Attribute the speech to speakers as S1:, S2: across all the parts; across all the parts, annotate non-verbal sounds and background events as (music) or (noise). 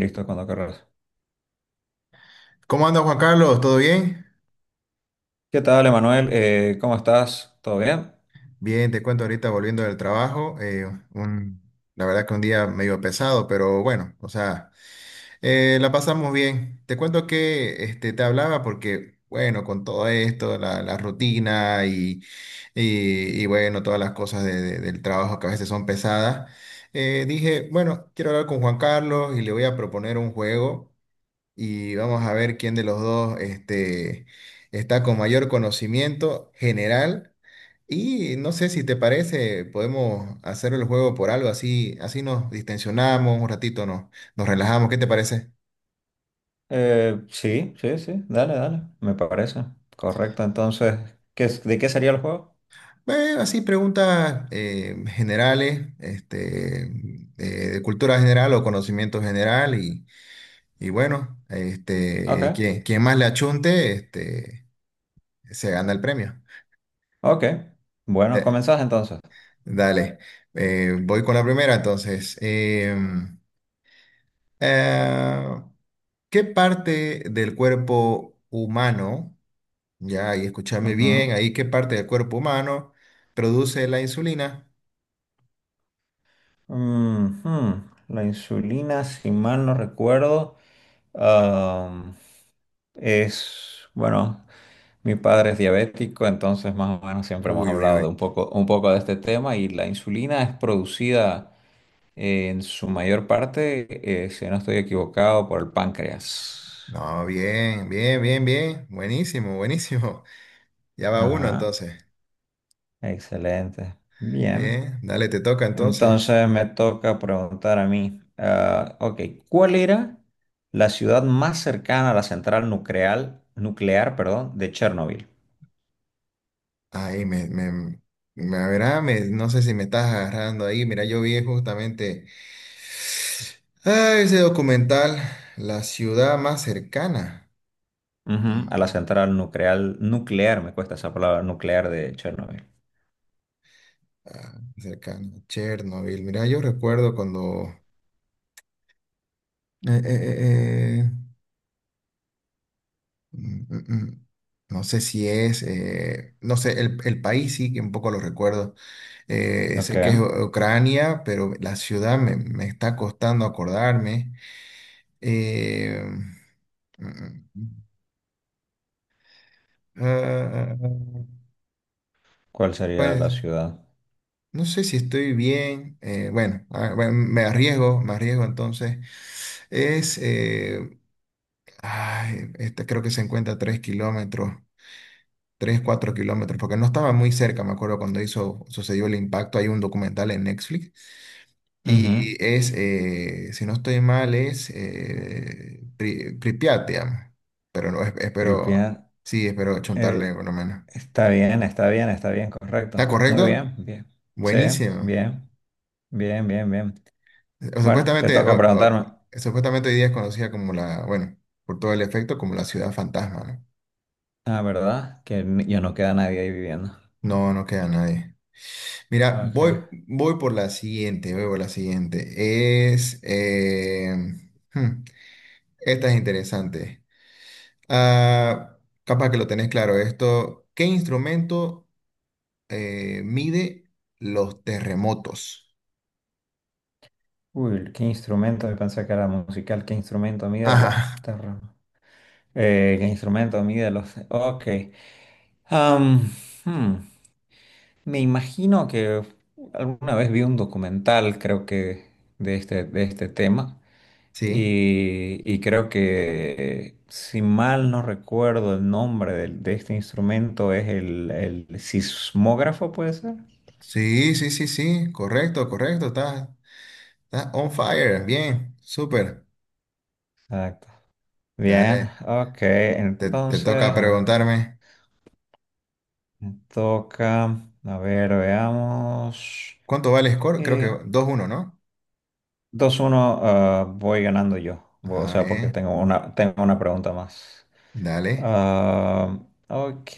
S1: Listo, cuando querrás.
S2: ¿Cómo anda Juan Carlos? ¿Todo bien?
S1: ¿Qué tal, Emanuel? ¿Cómo estás? ¿Todo bien?
S2: Bien, te cuento ahorita volviendo del trabajo. Un- la verdad que un día medio pesado, pero bueno, o sea, la pasamos bien. Te cuento que este, te hablaba porque, bueno, con todo esto, la rutina y, bueno, todas las cosas del trabajo que a veces son pesadas, dije, bueno, quiero hablar con Juan Carlos y le voy a proponer un juego y vamos a ver quién de los dos este, está con mayor conocimiento general. Y no sé si te parece, podemos hacer el juego por algo así, así nos distensionamos un ratito, nos relajamos. ¿Qué te parece?
S1: Sí, sí, sí. Dale, dale. Me parece. Correcto. Entonces, ¿ de qué sería el juego?
S2: Así preguntas generales, este, de cultura general o conocimiento general y bueno,
S1: Ok,
S2: este, quien más le achunte, este, se gana el premio.
S1: ok. Bueno,
S2: Eh,
S1: comenzás entonces.
S2: Dale, voy con la primera entonces. Eh, ¿Qué parte del cuerpo humano, ya y escúchame bien,
S1: Ujú.
S2: ahí qué parte del cuerpo humano produce la insulina?
S1: Ujú. La insulina, si mal no recuerdo, am, es, bueno, mi padre es diabético, entonces más o menos siempre hemos
S2: Uy, uy,
S1: hablado de
S2: uy.
S1: un poco de este tema y la insulina es producida en su mayor parte, si no estoy equivocado, por el páncreas.
S2: No, bien, bien, bien, bien. Buenísimo, buenísimo. (laughs) Ya va uno
S1: Ajá,
S2: entonces.
S1: excelente. Bien.
S2: Bien, dale, te toca entonces.
S1: Entonces me toca preguntar a mí. Ah, ok, ¿cuál era la ciudad más cercana a la central nuclear, perdón, de Chernobyl?
S2: Ahí me, a ver, no sé si me estás agarrando ahí. Mira, yo vi justamente. Ese documental, la ciudad más cercana.
S1: Ujú, a la
S2: Ujú.
S1: central nuclear, me cuesta esa palabra, nuclear de Chernobyl.
S2: Cercana, a Chernobyl. Mira, yo recuerdo cuando, eh, eh, eh, eh, mm, mm, mm, no sé si es, no sé, el país sí que un poco lo recuerdo.
S1: Ok,
S2: Sé que es Ucrania, pero la ciudad me está costando acordarme. Eh, mm, mm, mm. Ah, ah, ah, ah.
S1: ¿cuál sería la
S2: Pues.
S1: ciudad?
S2: No sé si estoy bien. Bueno, bueno, me arriesgo entonces. Es, eh, este creo que se encuentra a 3 kilómetros, 3 4 kilómetros, porque no estaba muy cerca, me acuerdo cuando hizo, sucedió el impacto. Hay un documental en Netflix. Y
S1: Ujú,
S2: es, eh, si no estoy mal, es Pripyat, digamos. Pero no, espero,
S1: Pripyat.
S2: sí, espero chuntarle por
S1: Eh,
S2: lo menos.
S1: Está bien, está bien, está bien,
S2: ¿Está
S1: correcto. Muy
S2: correcto?
S1: bien, bien. Sí,
S2: Buenísimo.
S1: bien, bien, bien, bien.
S2: O
S1: Bueno, te
S2: supuestamente,
S1: toca
S2: o-
S1: preguntarme.
S2: supuestamente hoy día es conocida como la, bueno, por todo el efecto, como la ciudad fantasma, ¿no?
S1: Ah, ¿verdad? Ya no queda nadie ahí viviendo.
S2: No, no queda nadie. Mira,
S1: Ok.
S2: voy por la siguiente, voy por la siguiente. Hmm, Esta es interesante. Ah, Capaz que lo tenés claro esto. ¿Qué instrumento mide los terremotos?
S1: Uy, ¿qué instrumento? Yo pensé que era musical. ¿Qué instrumento mide los
S2: Ajá,
S1: terremotos? ¿Qué instrumento mide los...? Ok. Am, hmm, Me imagino que alguna vez vi un documental, de este tema.
S2: sí,
S1: Y creo que, si mal no recuerdo el nombre de este instrumento, es el sismógrafo, ¿puede ser?
S2: sí, sí, sí, sí, correcto, correcto, está on fire, bien, súper.
S1: Exacto. Bien,
S2: Dale,
S1: ok,
S2: te
S1: entonces.
S2: toca preguntarme.
S1: Me toca, a ver, veamos.
S2: ¿Cuánto vale el score? Creo
S1: Eh,
S2: que 2-1, ¿no?
S1: 2-1, ah, voy ganando yo, o
S2: Ah,
S1: sea, porque
S2: bien,
S1: tengo una pregunta más.
S2: dale.
S1: Ah, ok,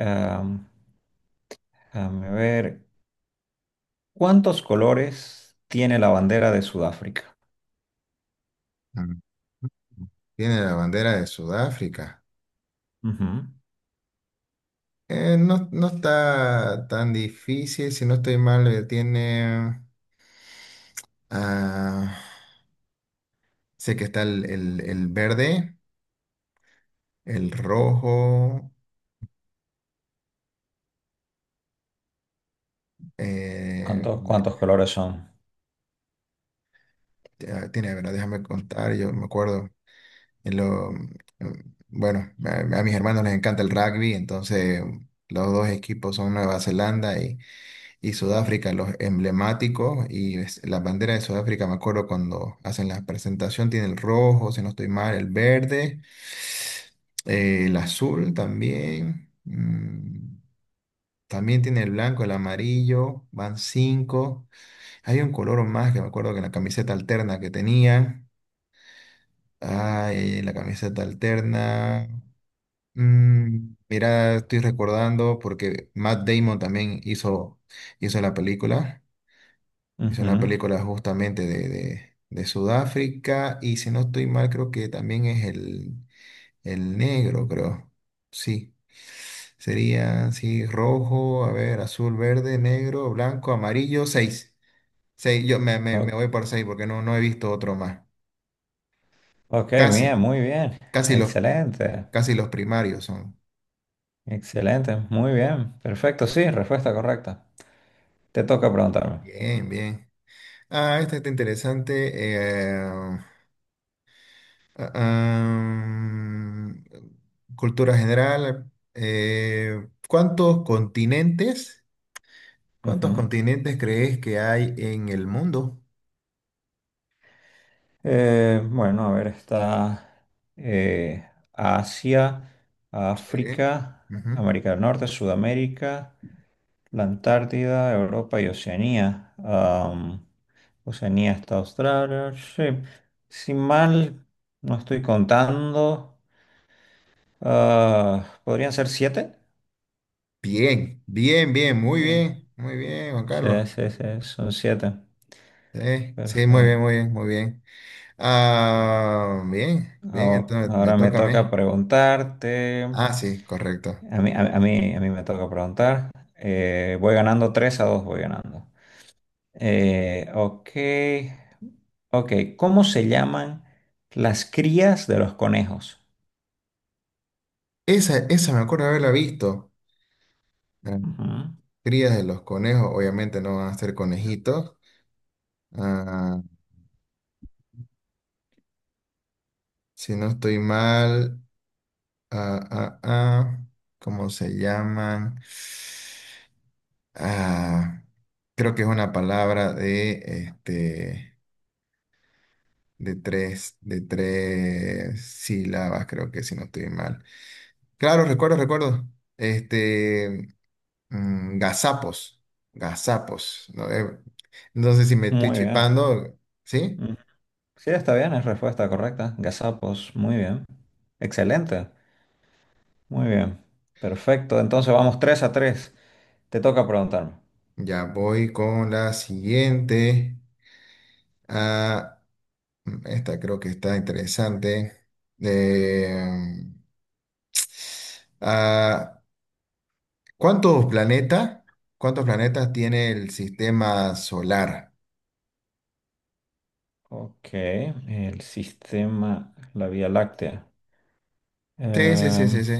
S1: ah, déjame ver. ¿Cuántos colores tiene la bandera de Sudáfrica?
S2: Ah, Tiene la bandera de Sudáfrica.
S1: Ujú.
S2: No, no está tan difícil, si no estoy mal, tiene... ah, sé que está el verde, el rojo. eh,
S1: ¿Cuántos,
S2: ve-
S1: cuántos colores son?
S2: Tiene, a ver, déjame contar, yo me acuerdo. en lo- bueno, a mis hermanos les encanta el rugby, entonces los dos equipos son Nueva Zelanda y Sudáfrica, los emblemáticos. La bandera de Sudáfrica, me acuerdo cuando hacen la presentación, tiene el rojo, si no estoy mal, el verde, el azul también. También tiene el blanco, el amarillo, van cinco. Hay un color más que me acuerdo que en la camiseta alterna que tenían. Ay, la camiseta alterna. Mira, estoy recordando porque Matt Damon también hizo la película. Hizo una
S1: Ujú.
S2: película justamente de Sudáfrica. Y si no estoy mal, creo que también es el negro, creo. Sí. Sería, sí, rojo, a ver, azul, verde, negro, blanco, amarillo, seis. Seis, yo me
S1: Ok,
S2: voy por seis porque no, no he visto otro más.
S1: ok,
S2: Casi,
S1: bien, muy bien.
S2: casi los,
S1: Excelente,
S2: casi los primarios son.
S1: excelente, muy bien. Perfecto, sí, respuesta correcta. Te toca preguntarme.
S2: Bien, bien. Esta está interesante. Ah, Cultura general. ¿Cuántos continentes, cuántos
S1: Ujú.
S2: continentes crees que hay en el mundo?
S1: Bueno, a ver, está Asia,
S2: Sí.
S1: África,
S2: Ujú.
S1: América del Norte, Sudamérica, la Antártida, Europa y Oceanía. Oceanía está Australia. Sí. Si mal no estoy contando, ah, ¿podrían ser siete?
S2: Bien, bien, bien, muy
S1: Bien.
S2: bien, muy bien, Juan
S1: Sí,
S2: Carlos.
S1: sí, sí, son siete.
S2: Sí, sí, muy bien,
S1: Perfecto.
S2: muy bien, muy bien. Bien, bien, entonces me
S1: Ahora me
S2: toca a
S1: toca
S2: mí.
S1: preguntarte.
S2: Sí, correcto.
S1: A mí me toca preguntar. Voy ganando 3 a 2, voy ganando. Ok. Ok, ¿cómo se llaman las crías de los conejos?
S2: Esa me acuerdo haberla visto.
S1: Ujú.
S2: Crías de los conejos, obviamente no van a ser conejitos. Ah, si no estoy mal, ah, ah, ah, ¿cómo se llaman? Ah, Creo que es una palabra de, este, de tres sílabas, creo que si no estoy mal. Claro, recuerdo, recuerdo. Este, gazapos, gazapos. No. No sé si me estoy
S1: Muy bien.
S2: chipando, ¿sí?
S1: Ujú. Sí, está bien, es respuesta correcta. Gazapos, muy bien. Excelente. Muy bien. Perfecto. Entonces vamos 3 a 3. Te toca preguntarme.
S2: Ya voy con la siguiente. Ah, Esta creo que está interesante. Eh, mm, ah, ¿cuántos planetas, cuántos planetas tiene el sistema solar?
S1: Ok, el sistema, la Vía Láctea.
S2: Sí, sí, sí,
S1: Em,
S2: sí, sí.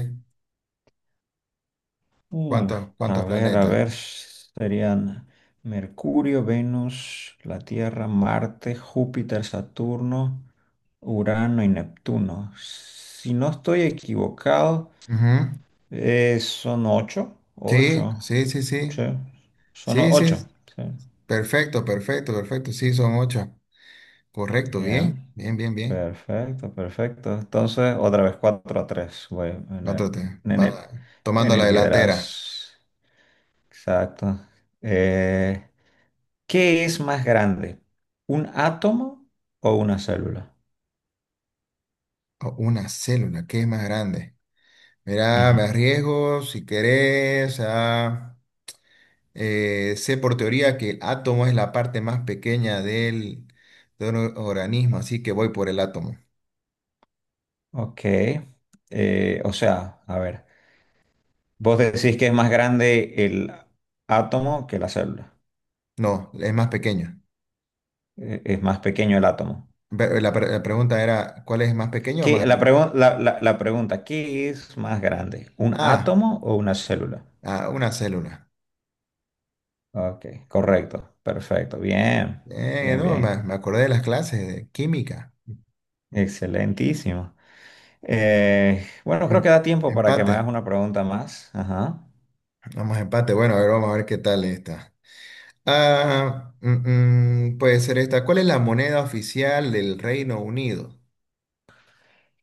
S1: Uf,
S2: ¿Cuántos
S1: a ver, a
S2: planetas?
S1: ver, serían Mercurio, Venus, la Tierra, Marte, Júpiter, Saturno, Urano y Neptuno. Si no estoy equivocado,
S2: Ujú.
S1: son ocho,
S2: Sí,
S1: ocho,
S2: sí, sí,
S1: sí,
S2: sí. Sí,
S1: ocho,
S2: sí.
S1: sí.
S2: Perfecto, perfecto, perfecto. Sí, son ocho. Correcto, bien,
S1: Bien,
S2: bien, bien, bien.
S1: perfecto, perfecto. Entonces, otra vez cuatro a tres, voy
S2: Otro te
S1: en
S2: va
S1: el, en
S2: tomando la
S1: el
S2: delantera.
S1: liderazgo. Exacto. Eh, ¿Qué es más grande? ¿Un átomo o una célula?
S2: Oh, una célula, ¿qué es más grande? Mira, me
S1: Ujú.
S2: arriesgo si querés. Sé por teoría que el átomo es la parte más pequeña de un organismo, así que voy por el átomo.
S1: Ok. O sea, a ver, vos decís que es más grande el átomo que la célula.
S2: No, es más pequeño.
S1: Es más pequeño el átomo.
S2: La pregunta era, ¿cuál es más pequeño o más grande?
S1: La pregunta, ¿qué es más grande? ¿Un
S2: Ah,
S1: átomo o una célula?
S2: una célula.
S1: Ok, correcto, perfecto, bien, bien,
S2: No,
S1: bien,
S2: me acordé de las clases de química.
S1: excelentísimo. Bueno, creo que
S2: Em-
S1: da tiempo para que me
S2: Empate.
S1: hagas una pregunta más. Ajá.
S2: Vamos a empate. Bueno, a ver, vamos a ver qué tal está. Puede ser esta. ¿Cuál es la moneda oficial del Reino Unido?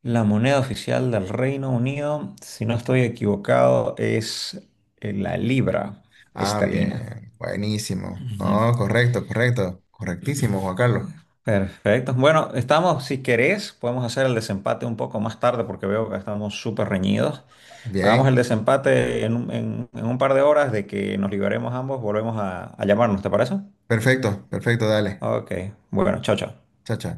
S1: La moneda oficial del Reino Unido, si no estoy equivocado, es la libra esterlina.
S2: Bien, buenísimo.
S1: Ujú.
S2: No, correcto, correcto, correctísimo, Juan Carlos.
S1: Perfecto. Bueno, estamos, si querés, podemos hacer el desempate un poco más tarde porque veo que estamos súper reñidos. Hagamos el
S2: Bien,
S1: desempate en en un par de horas. De que nos liberemos ambos, volvemos a llamarnos, ¿te parece?
S2: perfecto, perfecto, dale.
S1: Ok, bueno, chao, chao.
S2: Chao, chao.